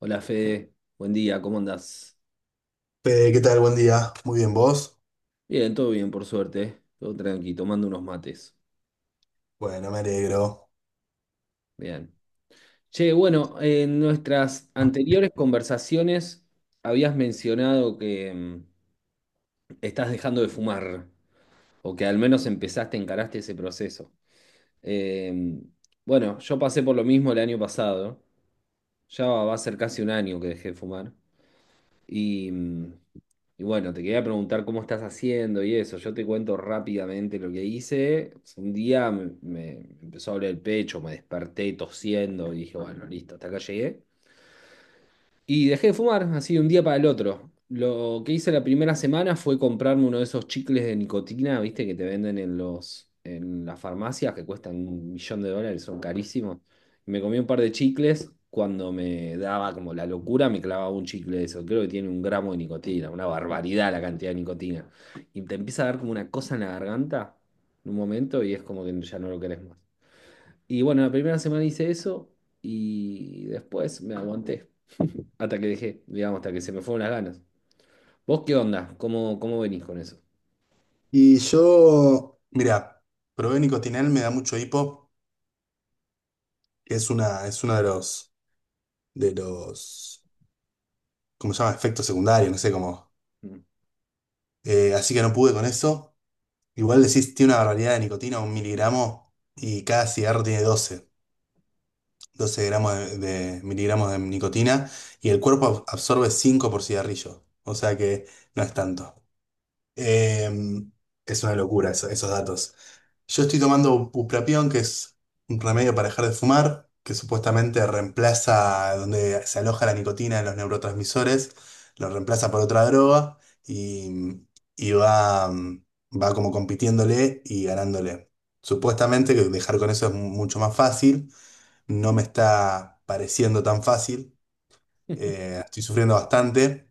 Hola Fede, buen día, ¿cómo andás? Fede, ¿qué tal? Buen día. Muy bien, ¿vos? Bien, todo bien, por suerte, ¿eh? Todo tranqui, tomando unos mates. Bueno, me alegro. Bien. Che, bueno, en nuestras anteriores conversaciones habías mencionado que estás dejando de fumar, o que al menos empezaste, encaraste ese proceso. Eh, bueno, yo pasé por lo mismo el año pasado, ya va a ser casi un año que dejé de fumar. Y, mm, y bueno, te quería preguntar cómo estás haciendo y eso. Yo te cuento rápidamente lo que hice. Un día me empezó a doler el pecho, me desperté tosiendo y dije, bueno, listo, hasta acá llegué. Y dejé de fumar, así de un día para el otro. Lo que hice la primera semana fue comprarme uno de esos chicles de nicotina, viste, que te venden en los, en las farmacias, que cuestan un millón de dólares, son carísimos. Me comí un par de chicles, cuando me daba como la locura, me clavaba un chicle de eso. Creo que tiene un gramo de nicotina, una barbaridad la cantidad de nicotina. Y te empieza a dar como una cosa en la garganta en un momento y es como que ya no lo querés más. Y bueno, la primera semana hice eso y después me aguanté. Hasta que dejé, digamos, hasta que se me fueron las ganas. ¿Vos qué onda? ¿Cómo venís con eso? Y yo, mira, probé nicotinal, me da mucho hipo, que es uno de los, de los, ¿cómo se llama? Efectos secundarios, no sé cómo. Mm. Así que no pude con eso. Igual decís, tiene una barbaridad de nicotina, un miligramo, y cada cigarro tiene doce gramos de miligramos de nicotina, y el cuerpo absorbe 5 por cigarrillo. O sea que no es tanto. Em, es una locura esos datos. Yo estoy tomando bupropión, que es un remedio para dejar de fumar, que supuestamente reemplaza donde se aloja la nicotina en los neurotransmisores, lo reemplaza por otra droga y, y va como compitiéndole y ganándole. Supuestamente que dejar con eso es mucho más fácil, no me está pareciendo tan fácil, estoy sufriendo bastante.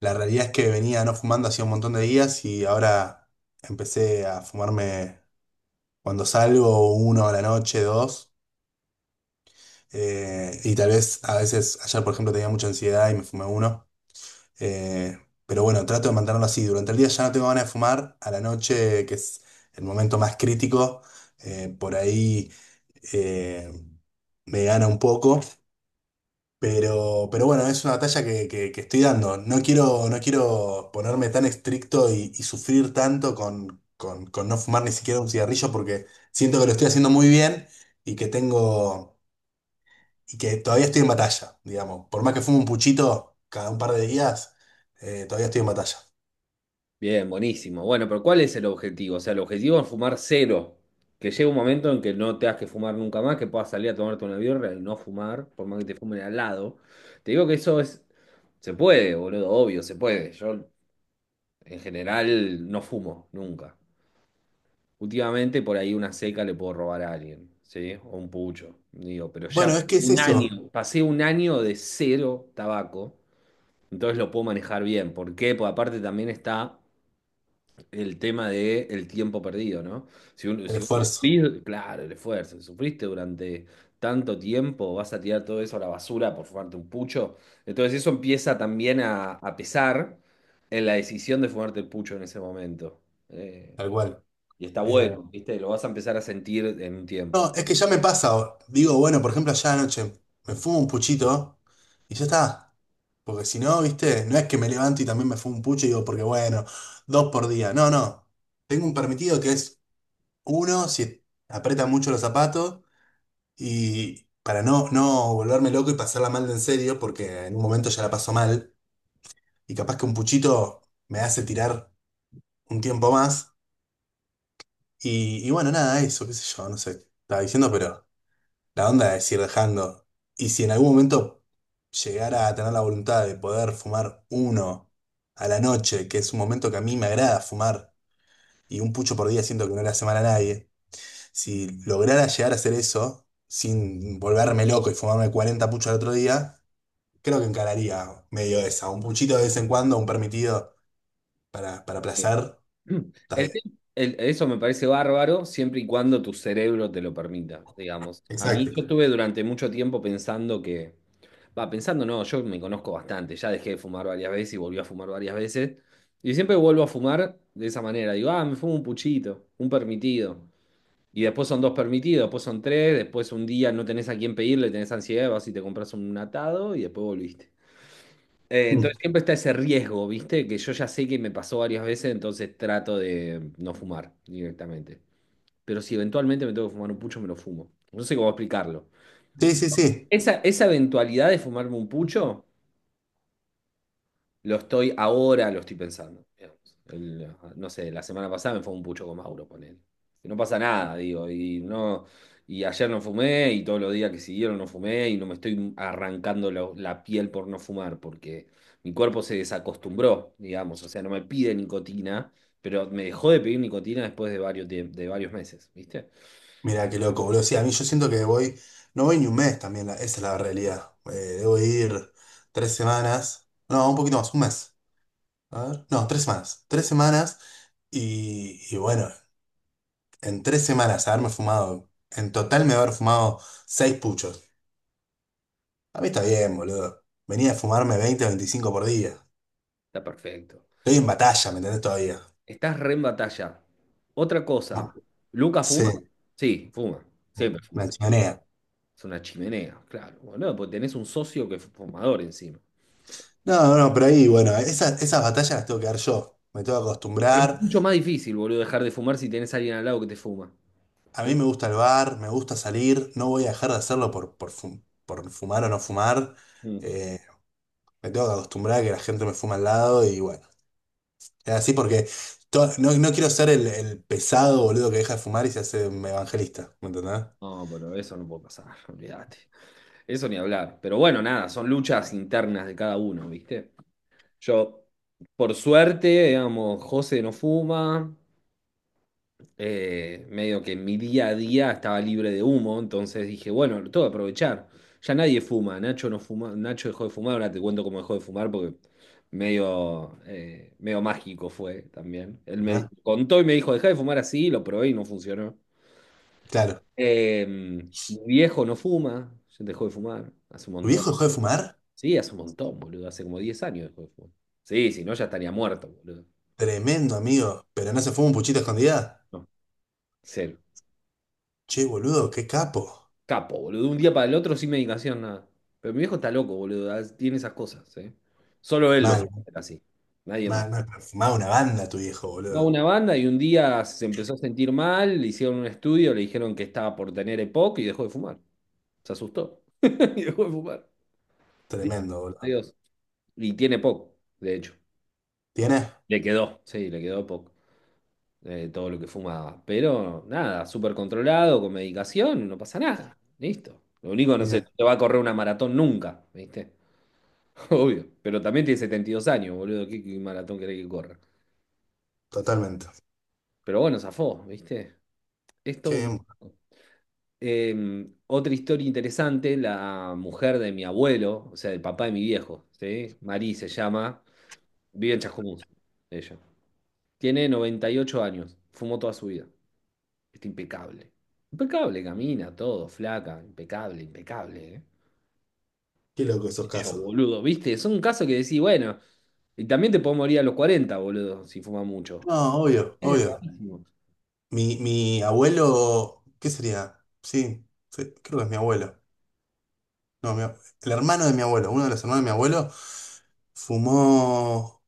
La realidad es que venía no fumando hacía un montón de días y ahora empecé a fumarme. Cuando salgo uno a la noche, dos, y tal vez a veces, ayer por ejemplo tenía mucha ansiedad y me fumé uno, eh, pero bueno, trato de mantenerlo así. Durante el día ya no tengo ganas de fumar, a la noche, que es el momento más crítico, por ahí eh, me gana un poco. Pero bueno, es una batalla que estoy dando. No quiero, no quiero ponerme tan estricto y, sufrir tanto con, con no fumar ni siquiera un cigarrillo porque siento que lo estoy haciendo muy bien y que tengo, y que todavía estoy en batalla, digamos. Por más que fume un puchito cada un par de días, todavía estoy en batalla. Bien, buenísimo. Bueno, pero ¿cuál es el objetivo? O sea, el objetivo es fumar cero. Que llegue un momento en que no te has que fumar nunca más, que puedas salir a tomarte una birra y no fumar, por más que te fumen al lado. Te digo que eso es. Se puede, boludo, obvio, se puede. Yo, en general, no fumo, nunca. Últimamente, por ahí una seca le puedo robar a alguien, ¿sí? O un pucho. Digo, pero ya Bueno, es que es eso, pasé un año de cero tabaco. Entonces lo puedo manejar bien. ¿Por qué? Porque aparte también está el tema de el tiempo perdido, ¿no? Si, uno- el si vos esfuerzo, sufrís, claro, el esfuerzo, si sufriste durante tanto tiempo, vas a tirar todo eso a la basura por fumarte un pucho. Entonces eso empieza también a pesar en la decisión de fumarte el pucho en ese momento. Eh, tal cual. y está Eh, bueno, ¿viste? Lo vas a empezar a sentir en un tiempo. no, es que ya me pasa. Digo, bueno, por ejemplo, allá anoche me fumo un puchito y ya está. Porque si no, viste, no es que me levanto y también me fumo un pucho y digo, porque bueno, dos por día. No, no. Tengo un permitido que es uno si aprieta mucho los zapatos y para no, volverme loco y pasarla mal de en serio, porque en un momento ya la paso mal y capaz que un puchito me hace tirar un tiempo más. Y bueno, nada, eso, qué sé yo, no sé, estaba diciendo, pero... La onda es ir dejando. Y si en algún momento llegara a tener la voluntad de poder fumar uno a la noche, que es un momento que a mí me agrada fumar, y un pucho por día siento que no le hace mal a nadie, si lograra llegar a hacer eso sin volverme loco y fumarme 40 puchos al otro día, creo que encararía medio esa. Un puchito de vez en cuando, un permitido para placer, está El bien. te- eso me parece bárbaro siempre y cuando tu cerebro te lo permita, digamos. A mí Exacto. yo estuve durante mucho tiempo pensando que, va, pensando no, yo me conozco bastante, ya dejé de fumar varias veces y volví a fumar varias veces, y siempre vuelvo a fumar de esa manera, digo, ah, me fumo un puchito, un permitido, y después son dos permitidos, después son tres, después un día no tenés a quién pedirle, tenés ansiedad, vas y te compras un atado y después volviste. Mm. Entonces siempre está ese riesgo, ¿viste? Que yo ya sé que me pasó varias veces, entonces trato de no fumar directamente. Pero si eventualmente me tengo que fumar un pucho, me lo fumo. No sé cómo explicarlo. Sí, sí, sí. Esa eventualidad de fumarme un pucho lo estoy ahora, lo estoy pensando, digamos. El, no sé, la semana pasada me fue un pucho con Mauro, él no pasa nada, digo, y no, y ayer no fumé, y todos los días que siguieron no fumé, y no me estoy arrancando la piel por no fumar, porque mi cuerpo se desacostumbró, digamos, o sea, no me pide nicotina, pero me dejó de pedir nicotina después de varios meses, ¿viste? Mira, qué loco, boludo. Sí, a mí yo siento que voy, no voy ni un mes también, esa es la realidad. Debo ir 3 semanas, no, un poquito más, un mes. A ver, no, 3 semanas. 3 semanas y bueno, en 3 semanas haberme fumado, en total me haber fumado seis puchos. A mí está bien, boludo. Venía a fumarme 20 o 25 por día. Está perfecto. Estoy en batalla, ¿me entendés todavía? Estás re en batalla. Otra cosa, ¿Luca Sí, fuma? Sí, fuma, siempre me fumó. accionea. Es una chimenea, claro, boludo, porque tenés un socio que es fumador encima. No, no, pero ahí, bueno, esas batallas las tengo que dar yo. Me tengo que Pero es acostumbrar. mucho más difícil, boludo, dejar de fumar si tenés a alguien al lado que te fuma. A mí Eh, me gusta el bar, me gusta salir, no voy a dejar de hacerlo por, por fumar o no fumar. mm, eh, me tengo que acostumbrar a que la gente me fuma al lado y bueno, es así porque no, no quiero ser el pesado boludo que deja de fumar y se hace un evangelista, ¿me entendés? No, pero eso no puede pasar, olvídate. Eso ni hablar. Pero bueno, nada, son luchas internas de cada uno, ¿viste? Yo, por suerte, digamos, José no fuma, medio que mi día a día estaba libre de humo, entonces dije, bueno, lo tengo que aprovechar. Ya nadie fuma, Nacho no fuma, Nacho dejó de fumar, ahora te cuento cómo dejó de fumar porque medio, medio mágico fue también. Él me ¿Ya? contó y me dijo, dejá de fumar así, lo probé y no funcionó. Claro. Mi viejo no fuma, ya dejó de fumar hace un ¿Tu montón. viejo dejó de fumar? Sí, hace un montón, boludo, hace como 10 años dejó de fumar. Sí, si no ya estaría muerto, boludo. Tremendo, amigo. ¿Pero no se fuma un puchito a escondida? No, cero. Che, boludo, qué capo. Capo, boludo. De un día para el otro sin medicación, nada. Pero mi viejo está loco, boludo. Tiene esas cosas, ¿eh? Solo él lo Mal, puede hacer así. Nadie más. mal, mal. Pero fumaba una banda tu viejo, Va a boludo. una banda y un día se empezó a sentir mal, le hicieron un estudio, le dijeron que estaba por tener EPOC y dejó de fumar. Se asustó y dejó de fumar. Listo. Tremendo, boludo. Adiós. Y tiene EPOC, de hecho. ¿Tienes? Le quedó, sí, le quedó EPOC, todo lo que fumaba. Pero nada, súper controlado, con medicación, no pasa nada. Listo. Lo único, no sé, no Bien, te va a correr una maratón nunca, ¿viste? Obvio, pero también tiene 72 años, boludo. ¿Qué, qué maratón querés que corra? totalmente. Pero bueno, zafó, ¿viste? Esto. ¡Qué, Otra historia interesante, la mujer de mi abuelo, o sea, el papá de mi viejo, ¿sí? Marí se llama, vive en Chascomús, ella. Tiene 98 años, fumó toda su vida. Está impecable. Impecable, camina, todo, flaca, impecable, impecable, ¿eh? Loco esos Yo, casos! boludo, ¿viste? Son casos que decís, bueno, y también te podés morir a los 40, boludo, si fumas mucho. No, obvio, Es obvio. rarísimo. Mi abuelo, ¿qué sería? Sí, sí, creo que es mi abuelo. No, el hermano de mi abuelo, uno de los hermanos de mi abuelo, fumó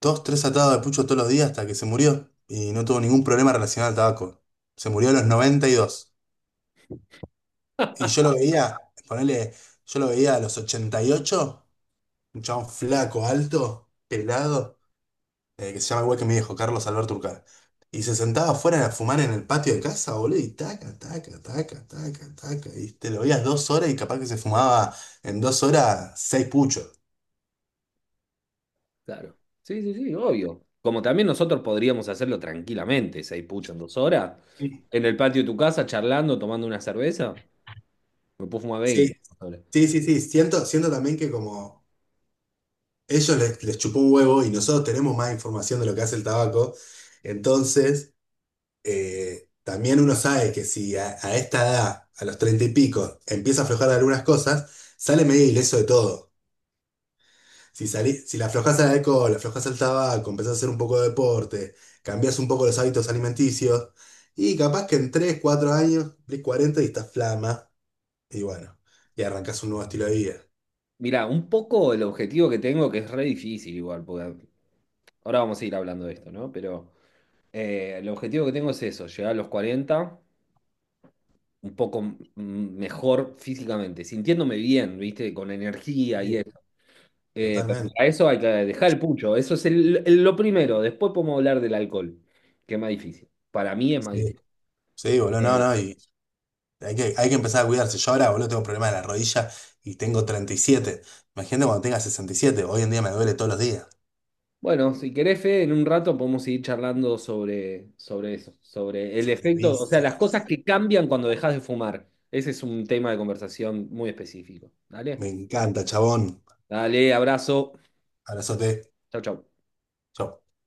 dos, tres atados de pucho todos los días hasta que se murió y no tuvo ningún problema relacionado al tabaco. Se murió a los 92 y yo lo veía, ponele, yo lo veía a los 88, un chabón flaco, alto, pelado. Eh, que se llama igual que mi viejo, Carlos Alberto Urcal. Y se sentaba afuera a fumar en el patio de casa, boludo, y taca, taca, taca, taca, taca. Y te lo veías 2 horas y capaz que se fumaba en 2 horas seis puchos. Claro. Sí, sí, sí, obvio. Como también nosotros podríamos hacerlo tranquilamente, 6 puchos en 2 horas, Sí. en el patio de tu casa, charlando, tomando una cerveza, me puedo fumar Sí, 20. sí, sí, sí. Siento también que como ellos les chupó un huevo y nosotros tenemos más información de lo que hace el tabaco, entonces también uno sabe que si a esta edad, a los treinta y pico, empieza a aflojar de algunas cosas, sale medio ileso de todo. Si, salí, si la aflojás al alcohol, le aflojás al tabaco, empezás a hacer un poco de deporte, cambiás un poco los hábitos alimenticios, y capaz que en 3 4 años, cumplís 40 y estás flama, y bueno, y arrancás un nuevo estilo de vida. Mira, un poco el objetivo que tengo, que es re difícil igual, porque ahora vamos a ir hablando de esto, ¿no? Pero el objetivo que tengo es eso, llegar a los 40, un poco mejor físicamente, sintiéndome bien, ¿viste? Con energía y Sí, eso. Pero totalmente. para eso hay que dejar el pucho. Eso es el- lo primero. Después podemos hablar del alcohol, que es más difícil. Para mí es más Sí, difícil. sí, boludo, no, Eh, no, y hay que empezar a cuidarse. Yo ahora, boludo, tengo problemas de la rodilla y tengo 37. Imagínate cuando tenga 67, hoy en día me duele todos los días. bueno, si querés, Fede, en un rato podemos seguir charlando sobre eso, sobre el Sobre efecto, o sea, las cosas vicios. que cambian cuando dejas de fumar. Ese es un tema de conversación muy específico. Dale, Me encanta, chabón. dale, abrazo. Abrazote. Chau, chau. Chau.